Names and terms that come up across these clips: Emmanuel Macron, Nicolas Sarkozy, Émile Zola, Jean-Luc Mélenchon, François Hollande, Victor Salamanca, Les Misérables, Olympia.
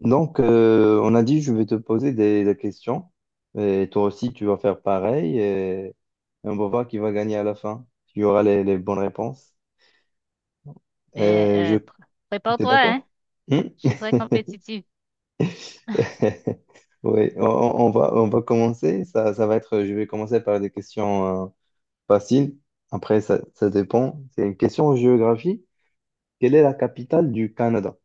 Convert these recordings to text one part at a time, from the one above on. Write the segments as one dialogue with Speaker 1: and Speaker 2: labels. Speaker 1: Donc, on a dit, je vais te poser des questions. Et toi aussi, tu vas faire pareil. Et on va voir qui va gagner à la fin. Tu auras les bonnes réponses. Euh, je,
Speaker 2: Ben,
Speaker 1: T'es
Speaker 2: prépare-toi, hein.
Speaker 1: d'accord? Hmm.
Speaker 2: Je suis très compétitive.
Speaker 1: Oui, on va commencer. Je vais commencer par des questions faciles. Après, ça dépend. C'est une question en géographie. Quelle est la capitale du Canada?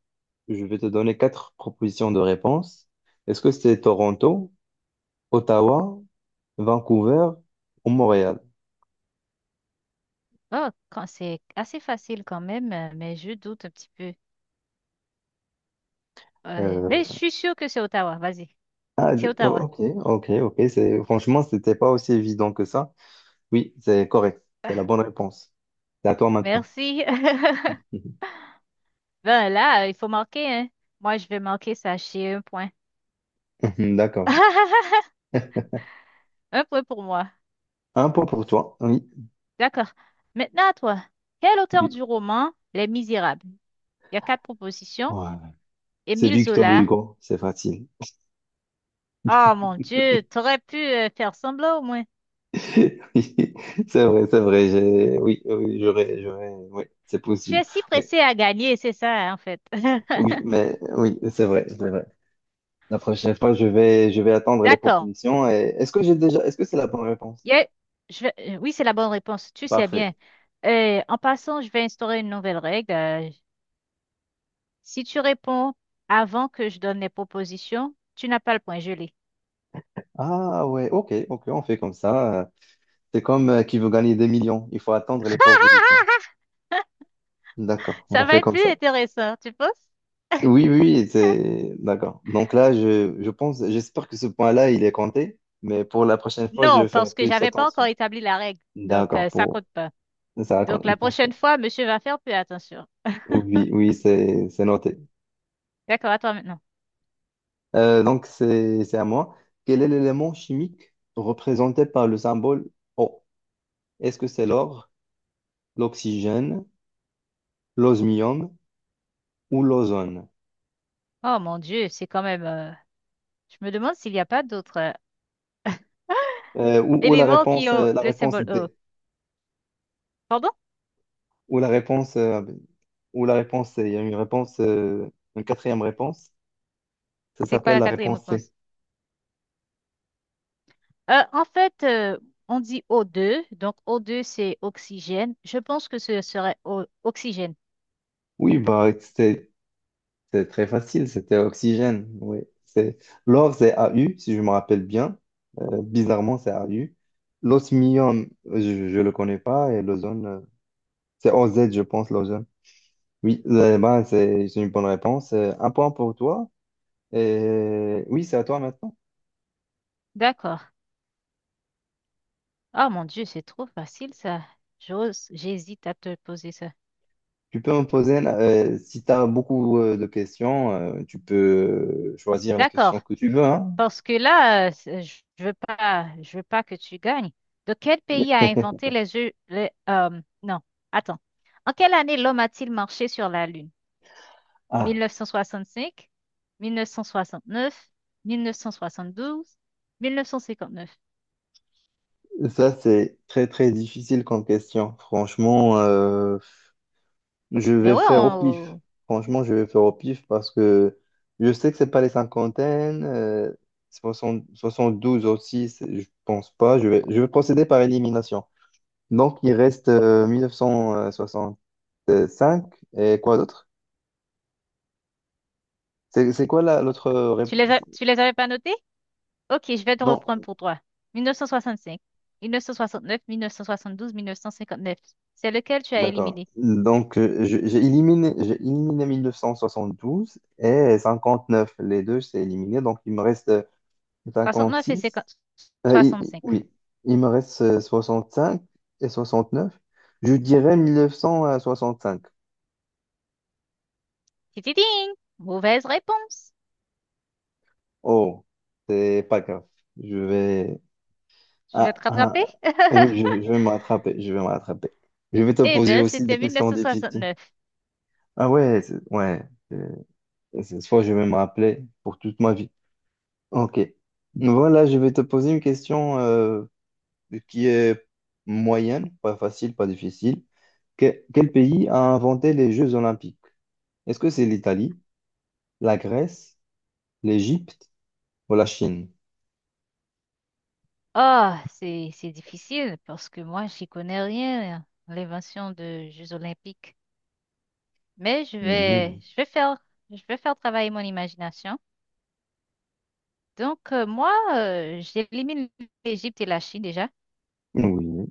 Speaker 1: Je vais te donner quatre propositions de réponses. Est-ce que c'est Toronto? Ottawa, Vancouver ou Montréal.
Speaker 2: Oh, quand c'est assez facile quand même, mais je doute un petit peu. Mais
Speaker 1: Euh,
Speaker 2: je suis sûre que c'est Ottawa. Vas-y. C'est Ottawa.
Speaker 1: ok, ok, ok. C'est, franchement, c'était pas aussi évident que ça. Oui, c'est correct. C'est la bonne réponse. C'est à toi maintenant.
Speaker 2: Merci. Ben là, il faut marquer, hein. Moi, je vais marquer ça chez un point.
Speaker 1: D'accord.
Speaker 2: Un point pour moi.
Speaker 1: Un point pour toi. Oui,
Speaker 2: D'accord. Maintenant à toi. Quel auteur
Speaker 1: oui.
Speaker 2: du roman Les Misérables? Il y a quatre propositions.
Speaker 1: Voilà. C'est
Speaker 2: Émile
Speaker 1: Victor
Speaker 2: Zola.
Speaker 1: Hugo. C'est facile.
Speaker 2: Oh mon Dieu, t'aurais pu faire semblant au moins.
Speaker 1: Oui, c'est vrai, c'est vrai. Oui, oui, j'aurais, oui, c'est
Speaker 2: Tu
Speaker 1: possible.
Speaker 2: es si
Speaker 1: Oui,
Speaker 2: pressé à gagner, c'est ça, hein, en fait.
Speaker 1: oui, mais oui, c'est vrai, c'est vrai. La prochaine fois, je vais attendre les
Speaker 2: D'accord.
Speaker 1: propositions. Et est-ce que c'est la bonne réponse?
Speaker 2: Il y a- je vais- Oui, c'est la bonne réponse. Tu sais bien.
Speaker 1: Parfait.
Speaker 2: En passant, je vais instaurer une nouvelle règle. Si tu réponds avant que je donne les propositions, tu n'as pas le point gelé.
Speaker 1: Ah ouais, ok, ok, on fait comme ça. C'est comme qui veut gagner des millions. Il faut attendre les propositions. D'accord, on
Speaker 2: Ça va
Speaker 1: fait
Speaker 2: être
Speaker 1: comme
Speaker 2: plus
Speaker 1: ça.
Speaker 2: intéressant, tu penses?
Speaker 1: Oui, oui, oui, c'est d'accord. Donc là, je pense, j'espère que ce point-là, il est compté, mais pour la prochaine fois, je
Speaker 2: Non,
Speaker 1: vais faire
Speaker 2: parce que
Speaker 1: plus
Speaker 2: j'avais pas encore
Speaker 1: attention.
Speaker 2: établi la règle. Donc,
Speaker 1: D'accord,
Speaker 2: ça
Speaker 1: pour
Speaker 2: compte pas.
Speaker 1: ça,
Speaker 2: Donc, la
Speaker 1: parfait.
Speaker 2: prochaine fois, monsieur va faire plus attention.
Speaker 1: Oui, oui, c'est noté.
Speaker 2: D'accord, à toi maintenant.
Speaker 1: Donc c'est à moi. Quel est l'élément chimique représenté par le symbole O? Est-ce que c'est l'or, l'oxygène, l'osmium ou l'ozone?
Speaker 2: Oh mon Dieu, c'est quand même. Je me demande s'il n'y a pas d'autres
Speaker 1: Ou
Speaker 2: éléments qui ont
Speaker 1: la
Speaker 2: le
Speaker 1: réponse
Speaker 2: symbole O.
Speaker 1: D.
Speaker 2: Pardon?
Speaker 1: Ou la réponse, euh, ou la réponse C. Il y a une quatrième réponse. Ça
Speaker 2: C'est quoi
Speaker 1: s'appelle
Speaker 2: la
Speaker 1: la
Speaker 2: quatrième
Speaker 1: réponse C.
Speaker 2: réponse? En fait, on dit O2, donc O2 c'est oxygène. Je pense que ce serait oxygène.
Speaker 1: Oui, bah, c'est très facile. C'était oxygène. Oui. C'est, L'or, c'est AU, si je me rappelle bien. Bizarrement, c'est AU. L'osmium, je le connais pas. Et l'ozone, c'est OZ, je pense, l'ozone. Oui, bah, c'est une bonne réponse. Un point pour toi. Et oui, c'est à toi maintenant.
Speaker 2: D'accord. Oh mon Dieu, c'est trop facile ça. J'ose, j'hésite à te poser ça.
Speaker 1: Tu peux me poser, si tu as beaucoup de questions, tu peux choisir la question
Speaker 2: D'accord.
Speaker 1: que tu veux, hein.
Speaker 2: Parce que là, je veux pas, je veux pas que tu gagnes. De quel pays a inventé les yeux, les, non, attends. En quelle année l'homme a-t-il marché sur la Lune?
Speaker 1: Ah,
Speaker 2: 1965, 1969, 1972, 1959.
Speaker 1: ça c'est très très difficile comme question. Franchement, je
Speaker 2: Ben
Speaker 1: vais
Speaker 2: ouais,
Speaker 1: faire au pif. Franchement, je vais faire au pif parce que je sais que c'est pas les cinquantaines, 72 aussi, je pense pas. Je vais procéder par élimination. Donc il reste cinq et quoi d'autre? C'est quoi l'autre réponse?
Speaker 2: tu les avais pas notés? Ok, je vais te
Speaker 1: Non,
Speaker 2: reprendre pour toi. 1965, 1969, 1972, 1959. C'est lequel tu as
Speaker 1: d'accord.
Speaker 2: éliminé?
Speaker 1: Donc, j'ai éliminé 12 et 59. Les deux, c'est éliminé. Donc, il me reste
Speaker 2: 69 et
Speaker 1: six.
Speaker 2: 50, 65.
Speaker 1: Oui, il me reste cinq et 69. Je dirais 1965.
Speaker 2: Tititing! Mauvaise réponse.
Speaker 1: Oh, c'est pas grave. Je vais.
Speaker 2: Tu vas te
Speaker 1: Ah,
Speaker 2: rattraper?
Speaker 1: ah, oui, je, je vais me rattraper. Je vais me rattraper. Je vais te
Speaker 2: Eh
Speaker 1: poser
Speaker 2: bien,
Speaker 1: aussi des
Speaker 2: c'était
Speaker 1: questions difficiles.
Speaker 2: 1969.
Speaker 1: Ah ouais, ouais. euh, Cette fois, je vais me rappeler pour toute ma vie. Ok. Voilà, je vais te poser une question qui est moyenne, pas facile, pas difficile. Quel pays a inventé les Jeux Olympiques? Est-ce que c'est l'Italie, la Grèce, l'Égypte ou la Chine?
Speaker 2: Ah, c'est difficile parce que moi, j'y connais rien, hein, l'invention de Jeux olympiques. Mais je vais
Speaker 1: Mhm.
Speaker 2: je vais faire je vais faire travailler mon imagination. Donc moi, j'élimine l'Égypte et la Chine déjà.
Speaker 1: Oui,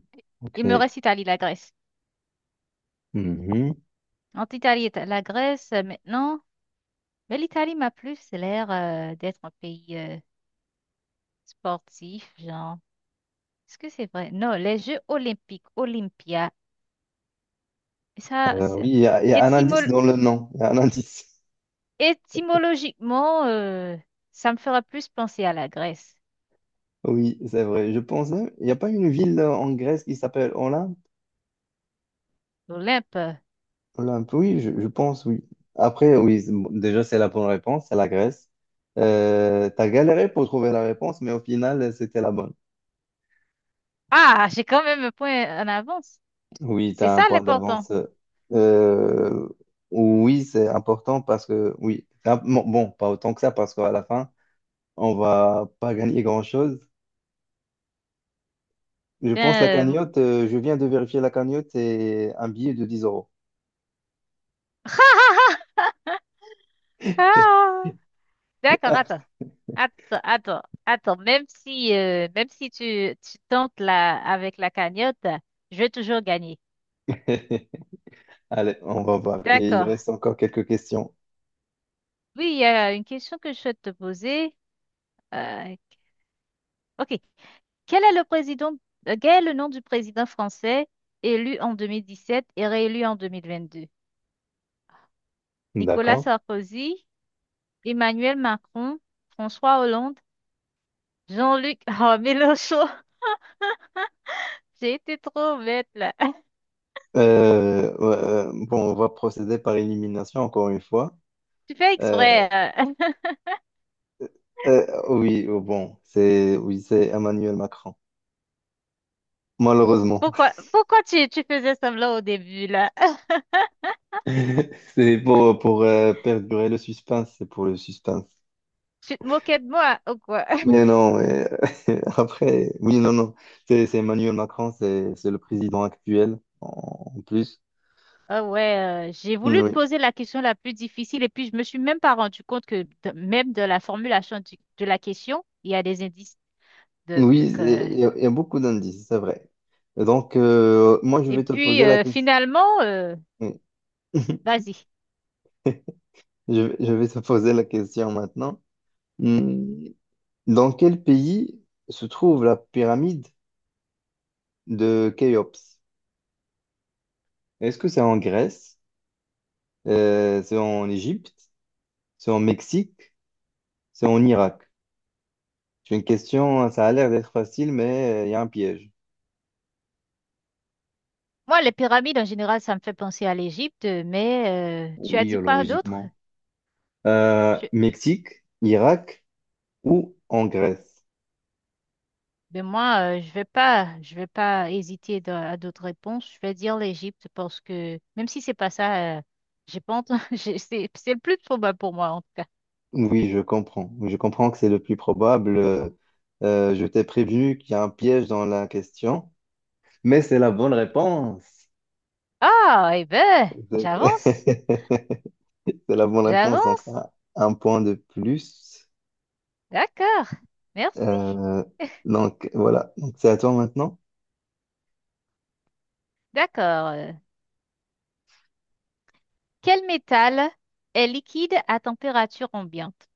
Speaker 2: Il me
Speaker 1: ok.
Speaker 2: reste Italie, la Grèce.
Speaker 1: Mhm.
Speaker 2: Entre Italie et la Grèce maintenant, mais l'Italie m'a plus l'air d'être un pays sportif, genre. Est-ce que c'est vrai? Non, les Jeux olympiques, Olympia, ça,
Speaker 1: Oui, il y a un indice
Speaker 2: étymologiquement
Speaker 1: dans le nom. Il y a un indice.
Speaker 2: Étymologiquement, ça me fera plus penser à la Grèce,
Speaker 1: Oui, c'est vrai. Je pense, il n'y a pas une ville en Grèce qui s'appelle Olympe?
Speaker 2: l'Olympe.
Speaker 1: Olympe, oui, je pense, oui. Après, oui, bon, déjà, c'est la bonne réponse, c'est la Grèce. T'as galéré pour trouver la réponse, mais au final, c'était la bonne.
Speaker 2: Ah, j'ai quand même un point en avance.
Speaker 1: Oui,
Speaker 2: C'est
Speaker 1: t'as un
Speaker 2: ça
Speaker 1: point
Speaker 2: l'important.
Speaker 1: d'avance. Euh, oui, c'est important parce que, oui, bon, bon, pas autant que ça, parce qu'à la fin, on va pas gagner grand-chose. Je
Speaker 2: Ben,
Speaker 1: pense la cagnotte, je viens de vérifier la cagnotte, c'est un billet de 10 euros.
Speaker 2: ah, d'accord, attends. Attends, attends, attends. Même si tu tentes là avec la cagnotte, je vais toujours gagner.
Speaker 1: Allez, on va voir. Et il
Speaker 2: D'accord.
Speaker 1: reste encore quelques questions.
Speaker 2: Oui, il y a une question que je souhaite te poser. Euh, ok. Quel est le président, quel est le nom du président français élu en 2017 et réélu en 2022? Nicolas
Speaker 1: D'accord.
Speaker 2: Sarkozy, Emmanuel Macron, François Hollande, Jean-Luc oh, Mélenchon. J'ai été trop bête là.
Speaker 1: Ouais, bon, on va procéder par élimination encore une fois.
Speaker 2: Tu fais
Speaker 1: Euh,
Speaker 2: exprès, hein.
Speaker 1: oui, oh, bon, c'est oui, c'est Emmanuel Macron. Malheureusement,
Speaker 2: Pourquoi tu faisais semblant au début là?
Speaker 1: c'est pour perdurer le suspense, c'est pour le suspense.
Speaker 2: Tu te moquais de moi ou quoi?
Speaker 1: Mais non, mais après, oui, non, non. C'est Emmanuel Macron, c'est le président actuel en plus.
Speaker 2: Ah ouais, j'ai
Speaker 1: Mm,
Speaker 2: voulu te
Speaker 1: oui,
Speaker 2: poser la question la plus difficile et puis je me suis même pas rendu compte que même de la formulation de la question, il y a des indices. Donc,
Speaker 1: oui,
Speaker 2: euh,
Speaker 1: il y a beaucoup d'indices, c'est vrai. Et donc, moi, je
Speaker 2: et
Speaker 1: vais te
Speaker 2: puis
Speaker 1: poser la question.
Speaker 2: finalement, vas-y.
Speaker 1: Je vais te poser la question maintenant. Mm, Dans quel pays se trouve la pyramide de Khéops? Est-ce que c'est en Grèce? C'est en Égypte? C'est en Mexique? C'est en Irak? J'ai une question, hein, ça a l'air d'être facile, mais il y a un piège.
Speaker 2: Moi, les pyramides en général, ça me fait penser à l'Égypte, mais tu as
Speaker 1: Oui,
Speaker 2: dit quoi d'autre?
Speaker 1: logiquement.
Speaker 2: Tu.
Speaker 1: Mexique, Irak ou en Grèce?
Speaker 2: Ben moi, je vais pas hésiter à d'autres réponses. Je vais dire l'Égypte parce que même si c'est pas ça, j'ai pas entendu. C'est le plus probable pour moi en tout cas.
Speaker 1: Oui, je comprends. Je comprends que c'est le plus probable. Je t'ai prévenu qu'il y a un piège dans la question, mais c'est la bonne réponse.
Speaker 2: Ah, eh ben,
Speaker 1: C'est
Speaker 2: j'avance,
Speaker 1: c'est la bonne réponse, donc
Speaker 2: j'avance.
Speaker 1: un point de plus.
Speaker 2: D'accord. Merci.
Speaker 1: Euh, donc voilà, donc c'est à toi maintenant.
Speaker 2: D'accord. Quel métal est liquide à température ambiante?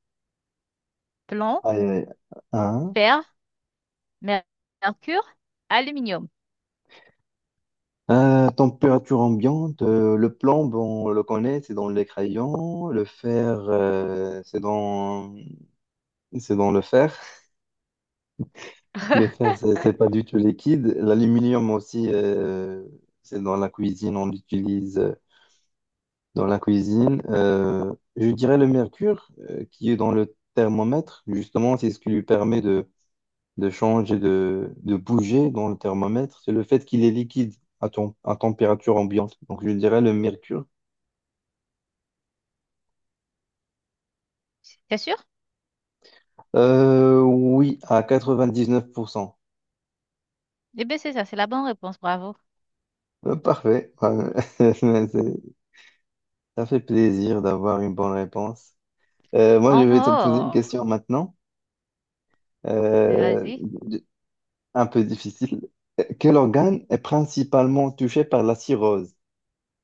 Speaker 2: Plomb,
Speaker 1: Aïe, aïe, aïe.
Speaker 2: fer, mer- mercure, aluminium.
Speaker 1: Température ambiante, le plomb, bon, on le connaît, c'est dans les crayons. Le fer, c'est dans le fer. Le fer, c'est pas du tout liquide. L'aluminium aussi, c'est dans la cuisine, on l'utilise dans la cuisine. Je dirais le mercure, qui est dans le thermomètre, justement, c'est ce qui lui permet de changer, de bouger dans le thermomètre. C'est le fait qu'il est liquide à température ambiante. Donc, je dirais le mercure.
Speaker 2: C'est sûr?
Speaker 1: Oui, à 99%.
Speaker 2: Eh bien, c'est ça, c'est la bonne réponse, bravo.
Speaker 1: Parfait. C'est- Ça fait plaisir d'avoir une bonne réponse. Moi, je
Speaker 2: Oh,
Speaker 1: vais te poser une
Speaker 2: oh,
Speaker 1: question maintenant,
Speaker 2: mais
Speaker 1: euh,
Speaker 2: vas-y.
Speaker 1: d- un peu difficile. Quel organe est principalement touché par la cirrhose?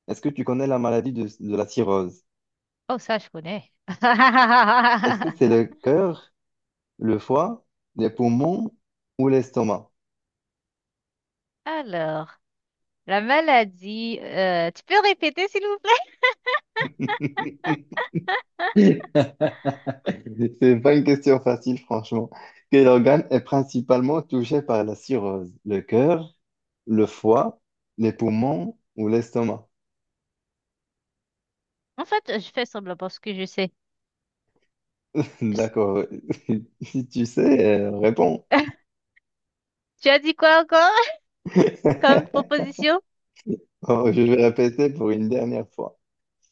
Speaker 1: Est-ce que tu connais la maladie de la cirrhose?
Speaker 2: Oh, ça, je connais.
Speaker 1: Est-ce que c'est le cœur, le foie, les poumons ou l'estomac?
Speaker 2: Alors, la maladie, tu peux répéter, s'il vous plaît?
Speaker 1: C'est pas une question facile, franchement. Quel organe est principalement touché par la cirrhose? Le cœur, le foie, les poumons ou l'estomac?
Speaker 2: En fait, je fais semblant parce que je sais. Psst,
Speaker 1: D'accord. Si tu sais, réponds.
Speaker 2: tu as dit quoi encore comme proposition?
Speaker 1: Oh, je vais répéter pour une dernière fois.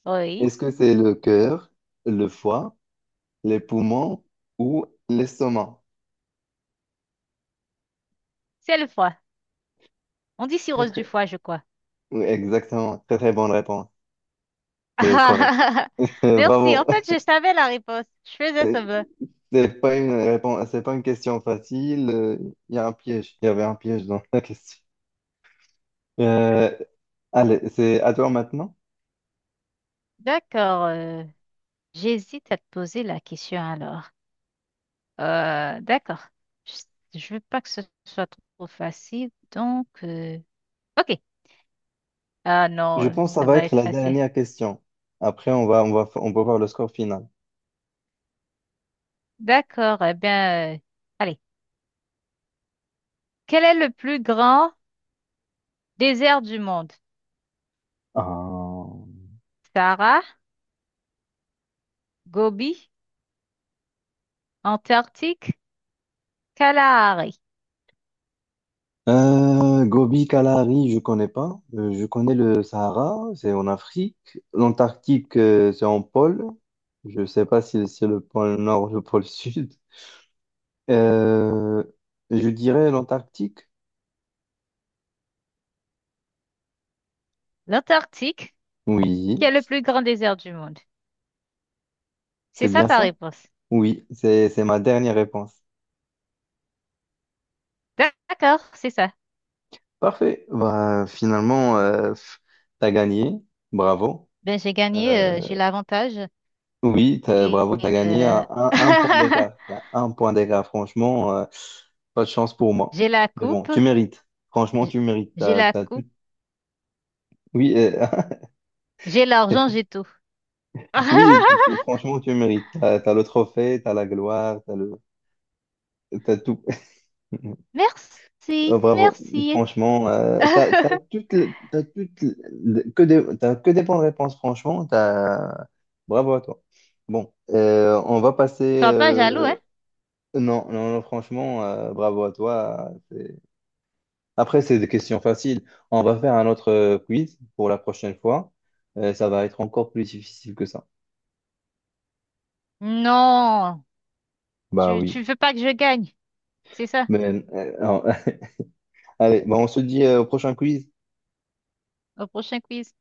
Speaker 2: Oui,
Speaker 1: Est-ce que c'est le cœur, le foie, les poumons ou l'estomac?
Speaker 2: c'est le foie. On dit
Speaker 1: Très,
Speaker 2: cirrhose du
Speaker 1: très-
Speaker 2: foie, je crois.
Speaker 1: Oui, exactement. Très, très bonne réponse. C'est correct.
Speaker 2: Merci. En
Speaker 1: Bravo.
Speaker 2: fait, je savais la réponse. Je faisais semblant.
Speaker 1: C'est pas une réponse, c'est pas une question facile. Il y a un piège. Il y avait un piège dans la question. Euh, Allez, c'est à toi maintenant.
Speaker 2: D'accord. J'hésite à te poser la question alors. D'accord. Je veux pas que ce soit trop facile, donc ok. Ah non,
Speaker 1: Je pense que ça
Speaker 2: ça
Speaker 1: va
Speaker 2: va
Speaker 1: être
Speaker 2: être
Speaker 1: la
Speaker 2: facile.
Speaker 1: dernière question. Après, on va voir le score final.
Speaker 2: D'accord. Eh bien, allez. Quel est le plus grand désert du monde?
Speaker 1: Ah.
Speaker 2: Sahara, Gobi, Antarctique, Kalahari.
Speaker 1: Gobi, Kalahari, je connais pas. Je connais le Sahara, c'est en Afrique. L'Antarctique, c'est en pôle. Je sais pas si c'est le pôle Nord ou le pôle Sud. Euh, je dirais l'Antarctique.
Speaker 2: L'Antarctique, qui
Speaker 1: Oui,
Speaker 2: est le plus grand désert du monde? C'est
Speaker 1: c'est
Speaker 2: ça
Speaker 1: bien
Speaker 2: ta
Speaker 1: ça.
Speaker 2: réponse.
Speaker 1: Oui, c'est ma dernière réponse.
Speaker 2: D'accord, c'est ça.
Speaker 1: Parfait. Bah, finalement, t'as gagné. Bravo.
Speaker 2: Ben j'ai gagné,
Speaker 1: Euh,
Speaker 2: j'ai l'avantage
Speaker 1: Oui,
Speaker 2: et
Speaker 1: bravo, tu as
Speaker 2: et,
Speaker 1: gagné
Speaker 2: euh,
Speaker 1: à un point d'écart. Il y a un point d'écart, franchement, pas de chance pour moi.
Speaker 2: J'ai la
Speaker 1: Mais bon,
Speaker 2: coupe,
Speaker 1: tu mérites. Franchement,
Speaker 2: j-
Speaker 1: tu mérites.
Speaker 2: j'ai
Speaker 1: T'as-
Speaker 2: la
Speaker 1: t'as tout.
Speaker 2: coupe,
Speaker 1: Oui,
Speaker 2: j'ai l'argent, j'ai tout.
Speaker 1: oui, franchement, tu mérites. Tu as le trophée, tu as la gloire, t'as tout. Oh,
Speaker 2: Merci,
Speaker 1: bravo,
Speaker 2: merci.
Speaker 1: franchement, t'as que des bonnes réponses, franchement, bravo à toi. Bon, on va passer,
Speaker 2: Sois pas jaloux, hein?
Speaker 1: non, non, non, franchement, bravo à toi. Après, c'est des questions faciles. On va faire un autre quiz pour la prochaine fois. Ça va être encore plus difficile que ça.
Speaker 2: Non,
Speaker 1: Bah
Speaker 2: tu,
Speaker 1: oui.
Speaker 2: tu veux pas que je gagne, c'est ça,
Speaker 1: Mais, non. Allez, bah, on se dit au prochain quiz.
Speaker 2: au prochain quiz.